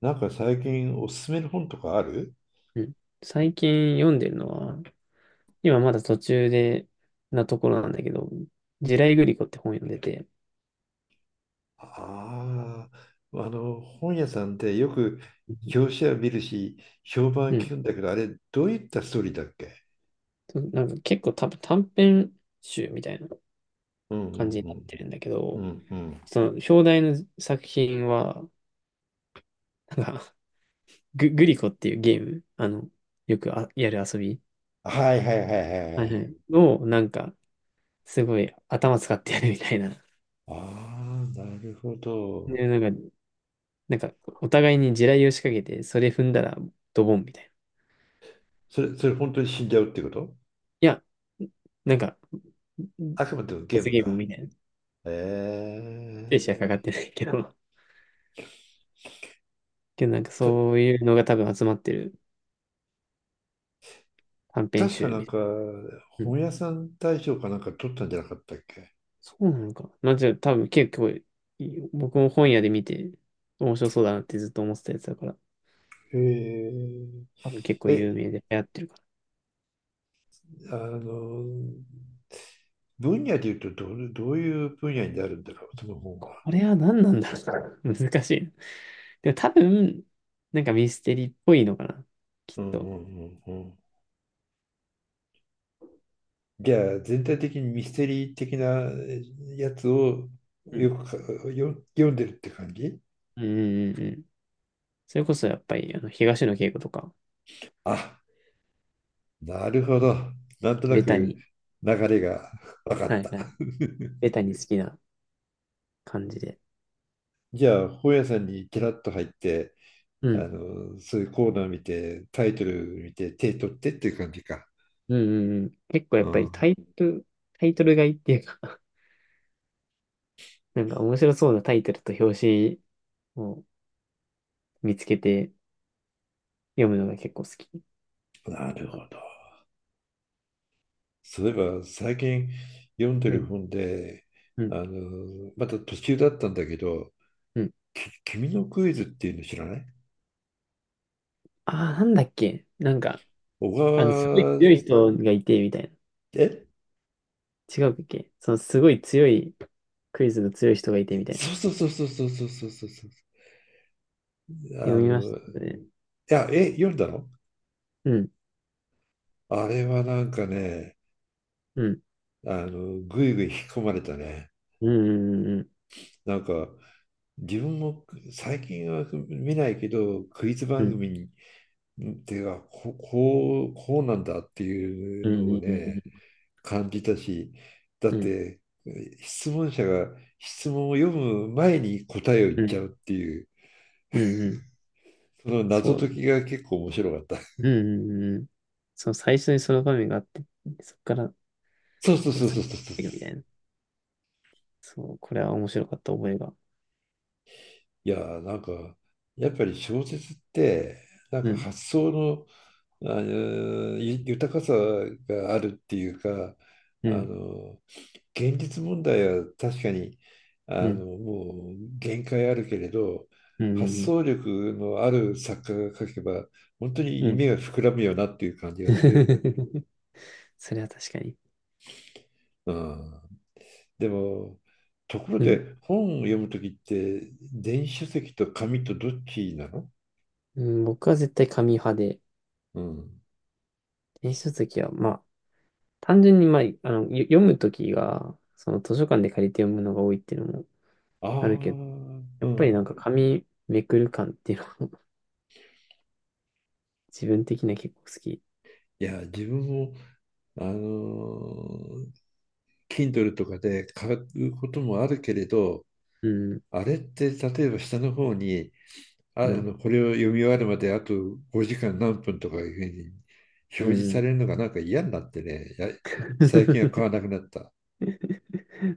なんか最近おすすめの本とかある？うん。最近読んでるのは、今まだ途中で、なところなんだけど、地雷グリコって本読んでて、ああー、本屋さんでよくうん。表紙は見るし、評判はう聞くん、んだけど、あれ、どういったストーリーだっけ？そう、なんか結構多分短編集みたいなうんう感じになっんてるんだけうんうど、んうん。その表題の作品は、なんかグリコっていうゲーム、よくあやる遊び、はいはいはいはいははいい。はいを、なんか、すごい頭使ってやるみたいな。ああ、なるほど。で、なんか、お互いに地雷を仕掛けて、それ踏んだらドボンみたいな。それ本当に死んじゃうってこと？いや、なんか、あくまでもゲー罰ムゲームか。みたいな。精ええ。子はかかってないけど。けどなんかた、そういうのが多分集まってる短編確集かなみんたいか、な。うん。本屋さん大賞かなんか取ったんじゃなかったっけ？そうなのか。まあじゃあ多分結構僕も本屋で見て面白そうだなってずっと思ってたやつだから、へえ。多分結構有え、名で流行ってるから。あの、分野で言うとどういう分野になるんだろう、その本は。これは何なんだろう。難しい。でも多分、なんかミステリーっぽいのかな。きっうんうと。んうんうん。じゃあ、全体的にミステリー的なやつをうん。よく読んでるって感じ？うん、うん、うん、うん。それこそやっぱり、東野圭吾とか、あ、なるほど。なんとなベタくに。流れが分かはっいた。はい。ベタに好きな感じで。じゃあ、本屋さんにキラッと入って、うん。そういうコーナー見て、タイトル見て、手取ってっていう感じか。うん、うん、うん。結構やうっぱりん、タイトルがいいっていうか、 なんか面白そうなタイトルと表紙を見つけて読むのが結構好き。なるほど。例えば最近読んでうるん、本で、うん、また途中だったんだけど、うん。君のクイズっていうの知らない？ああ、なんだっけ、なんか、小すごい川、強い人がいて、みたいえな。違うっけ、そのすごい強い、クイズの強い人がいて、みたいそな。うそうそうそうそうそうそうそうそう。読みましいたけどね。や、え、読んだの？うん、あれはなんかね、うん、ぐいぐい引き込まれたね。うん、うん、うん、なんか、自分も最近は見ないけど、クイズう番ん、組に、ってか、こうなんだっていううのをん、うん、ね、感じたし、だっうん、て質問者が質問を読む前に答えを言うっん、うちん、ゃうっていう、うん、うん、その謎そう。解きが結構面白かった。うん、うん、うん、そう、最初にその場面があって、そこから、なん そうそうかそうさそっうきっそうそう。ていくみたいな。そう、これは面白かった覚えが。いやー、なんか、やっぱり小説って、なんうかん、発想の、あのゆ豊かさがあるっていうか、うあん、の現実問題は確かにうん、もう限界あるけれど、う発ん、うん、想力のある作家が書けば本当にうん。う夢ん。 が膨らむよなっていう感じがする。それは確かに。うん、でも、ところうん、で本を読む時って電子書籍と紙とどっちなの？うん、僕は絶対紙派で、うん。電子書籍は、まあ、単純に、まあ、読むときが、その図書館で借りて読むのが多いっていうのもああるけど、あ、うやっぱりなんん。か紙めくる感っていうのも、 自分的には結構好き。いや自分もあのー Kindle とかで買うこともあるけれど、うん、あれって例えば下の方にうん、これを読み終わるまであと5時間何分とかいうふうにう表示ん。うさん。 れるのがなんか嫌になってね、最近は買わ なくなった。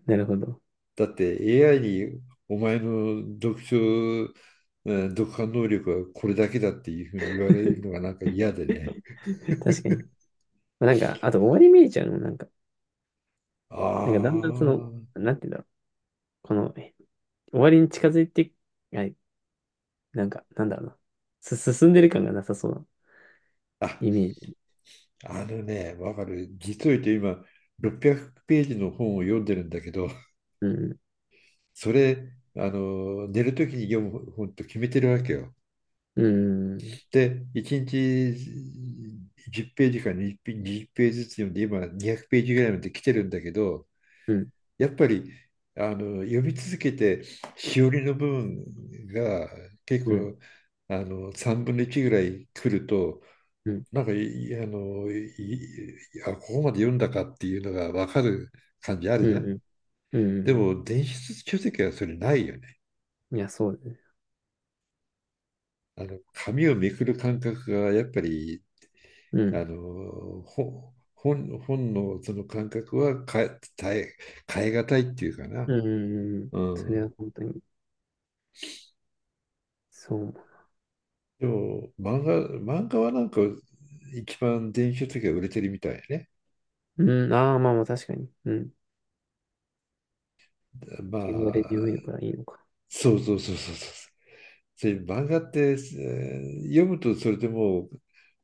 なるほど。だって AI にお前の読書、読破能力はこれだけだっていうふうに言われるのがなんか嫌でね。確かに。まあなんか、あと終わり見えちゃうのもなんか、あなんかだんだんその、なんて言うんだろう。この、終わりに近づいて、はい、なんか、なんだろうな。進んでる感がなさそうなあ、イメージ。あのね、わかる。実を言うと今、600ページの本を読んでるんだけど、うん、それ、寝るときに読む本と決めてるわけよ。うん、で、1日10ページか20ページずつ読んで、今200ページぐらいまで来てるんだけど、うん、やっぱり読み続けて、しおりの部分が結うん、うん、構3分の1ぐらい来ると、うん、なんかいあのいあ、ここまで読んだかっていうのが分かる感じあるうじゃん。ん、うでん、うも、電子書籍はそれないよね？ん。いや、そうだね。紙をめくる感覚がやっぱり、うあん、のほ本、本のその感覚は変えがたいっていうかうな。ん、うん、うん。うそれはん。本当に、そう思でも漫画はなんか一番電子書籍が売れてるみたいやね。う。うん、ああ、まあまあ確かに。うん。ま汚れて読あ、めるからいいのか。そうそうそうそうそう。漫画って、読むとそれでもう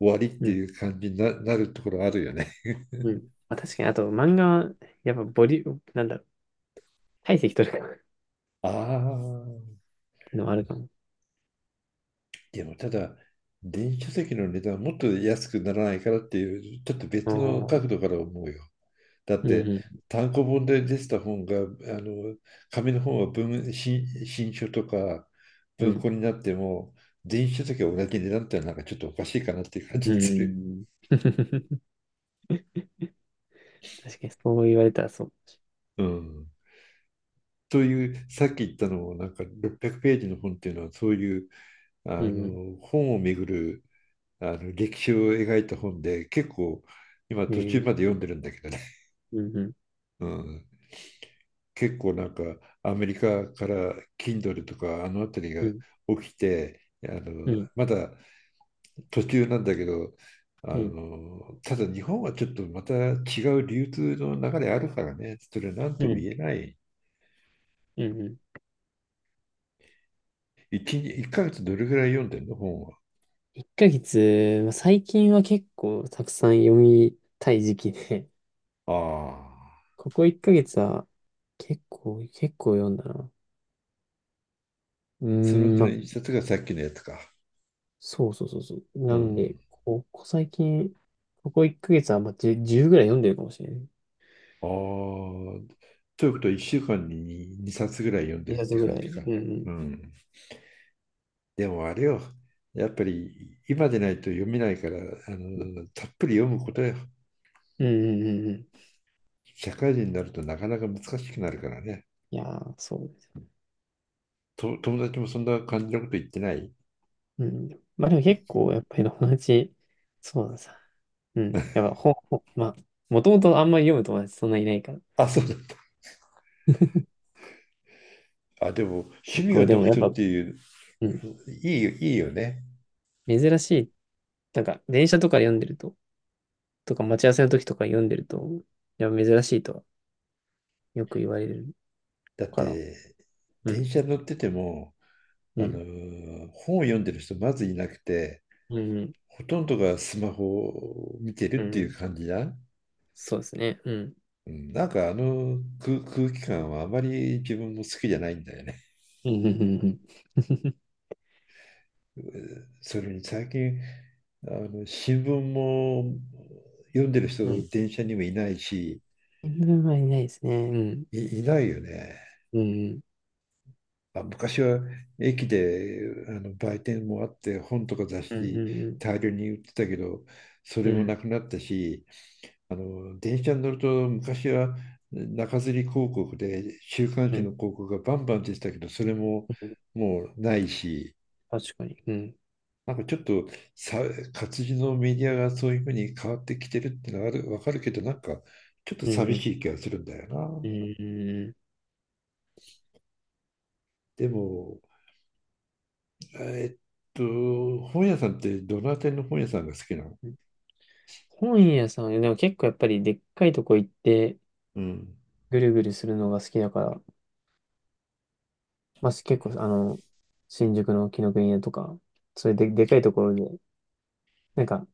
終わりっうてん、いう感じになるところあるよね。うん。まあ確かに、あと漫画は、やっぱボリューム、なんだろう。体積取るからっ ああ。ていうのはあるかも。でもただ、電子書籍の値段もっと安くならないからっていう、ちょっとあ別の角度あ。から思うよ。だっうて、ん、単行本で出てた本が、の、紙の本は新書とかう文ん、庫になっても、電子書籍は同じ値段ってのはなんかちょっとおかしいかなっていう感じうがん、する。うん。確かにそう言われたらそう。うん。そういうさっき言ったのもなんか600ページの本っていうのはそういううん、本をめぐる歴史を描いた本で、結構今う途中まん、で読んでるんだけどね。うん、うん、うん、結構なんかアメリカから Kindle とかあの辺りうがん、起きて、うん、まだ途中なんだけど、うん、ただ日本はちょっとまた違う流通の流れあるからね、それ何うともん。言えない。うん。1、一日一ヶ月どれぐらい読んでるの本は？1ヶ月、まあ最近は結構たくさん読みたい時期で、ああ、ここ1ヶ月は結構読んだな。うーそのうん、ちまの1あ、冊がさっきのやつか。そうそうそうそう。うなんん。で、ここ最近、ここ1ヶ月はまあ10、じゅうぐらい読んでるかもしれない。ああ、ということは1週間に2冊ぐらい読んでる2っ冊てぐ感らじい。か。ううん、ん。でもあれよ、やっぱり今でないと読めないから、たっぷり読むことよ。うん、うん、うん、うん。うん。社会人になるとなかなか難しくなるからね。いやー、そう。友達もそんな感じのこと言ってない？うん。まあでも結構、やっぱり友達、そうなんさ。うん。やっぱ本、ほまあ、もともとあんまり読む友達そんないないから。あ、そうだった。あ、でも趣結味が構でも読やっ書っぱ、ていう、うん。いいよ、いいよね。珍しい。なんか、電車とかで読んでると、とか待ち合わせの時とか読んでると、やっぱ珍しいとはよく言われるだっから。て、う電ん。車乗ってても、うん。本を読んでる人まずいなくて、うん。ほとんどがスマホを見てうるっていうん。感じだ。そうですね。うん。うん、なんか空気感はあまり自分も好きじゃないんだよね。うん。うん。うん、それに最近新聞も読んでる人うん。うん。電車にもいないし、新聞はいないですね。うん。いないよね。うん。あ、昔は駅で売店もあって本とか雑うん。誌うん。大量に売ってたけど、そうれん。うもん。なくなったし、電車に乗ると昔は中吊り広告で週刊う誌のん。広告がバンバン出てたけど、それもうん。もうないし。確かに。うん。なんかちょっとさ、活字のメディアがそういうふうに変わってきてるってのはある、わかるけど、なんかちょっとう寂ん。しい気がするんだような。ーん。でも、えっと、本屋さんってどの辺りの本屋さんが好きなの？本屋さん、でも結構やっぱりでっかいとこ行ってうん。ぐるぐるするのが好きだから、まあ、結構新宿の紀伊国屋とか、そういうで、でかいところで、なんか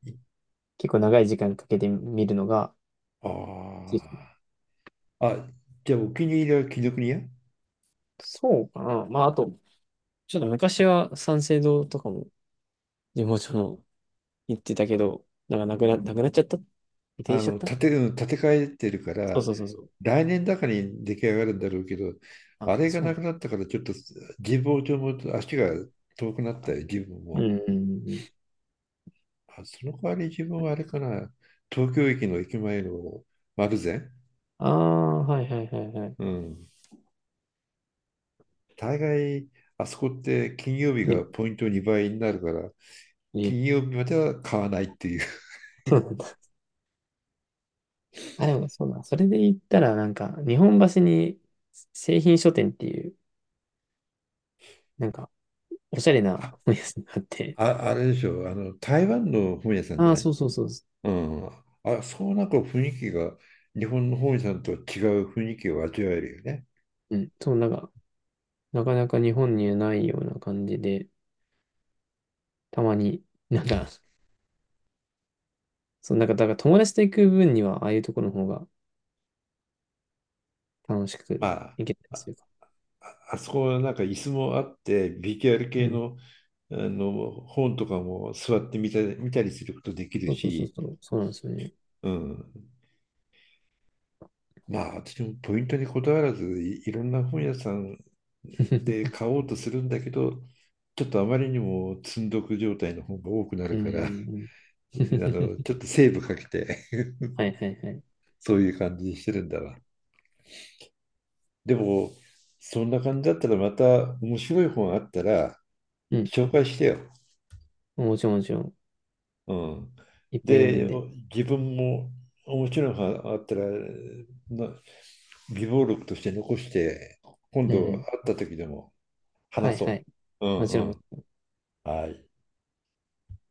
結構長い時間かけて見るのがあ好き、あ。あ、じゃあお気に入りは紀伊国屋？そうかな。まああと、ちょっと昔は三省堂とかも地元の行ってたけど、なんかなくなっちゃった、移転しちゃった。うん、建て替えてるかそうら、そうそうそう。来年だかに出来上がるんだろうけど、あ、あれがそうななくんなったからちょっと神保町も足が遠くなったよ、自分だ。も。うん、うん、うん、うん。あ、その代わり自分はあれかな、東京駅の駅前の丸善、ああ、はいはいはいはい。うん、大概あそこって金曜日がえ、ポイント2倍になるから、え。金曜日までは買わないっていう。あ、でもそうだ。それで言ったら、なんか、日本橋に製品書店っていう、なんか、おしゃれなあ、本屋さんがあって。あれでしょ、あの台湾の本屋さんじあゃあ、ない？そうそうそううん、あ、そう、なんか雰囲気が日本の本屋さんとは違う雰囲気を味わえるよね。う。うん。そう、なんか、なかなか日本にはないような感じで、たまに、なんか、そう、なんか、だから友達と行く分には、ああいうところの方が楽しまくあ、行けたりするか。あそこはなんか椅子もあって、BTR う系ん。の、あの本とかも座って見たりすることできるそうそうそうし、そう。そうなんですよね。うん。まあ、私もポイントにこだわらずいろんな本屋さんで買 おうとするんだけど、ちょっとあまりにも積んどく状態の本が多くなうるん。うから、ん、うん。 ち ょっとセーブかけて、はいはいはい。そういう感じにしてるんだわ。でも、そんな感じだったらまた面白い本あったらうん。紹介してよ。もちろんもちろん。うん。いっぱい読むんで、で。自分も面白い本あったら、な備忘録として残して、今うん、う度会ん。った時でもは話いはそい。う。うんもうちろんもちん。ろん。はい。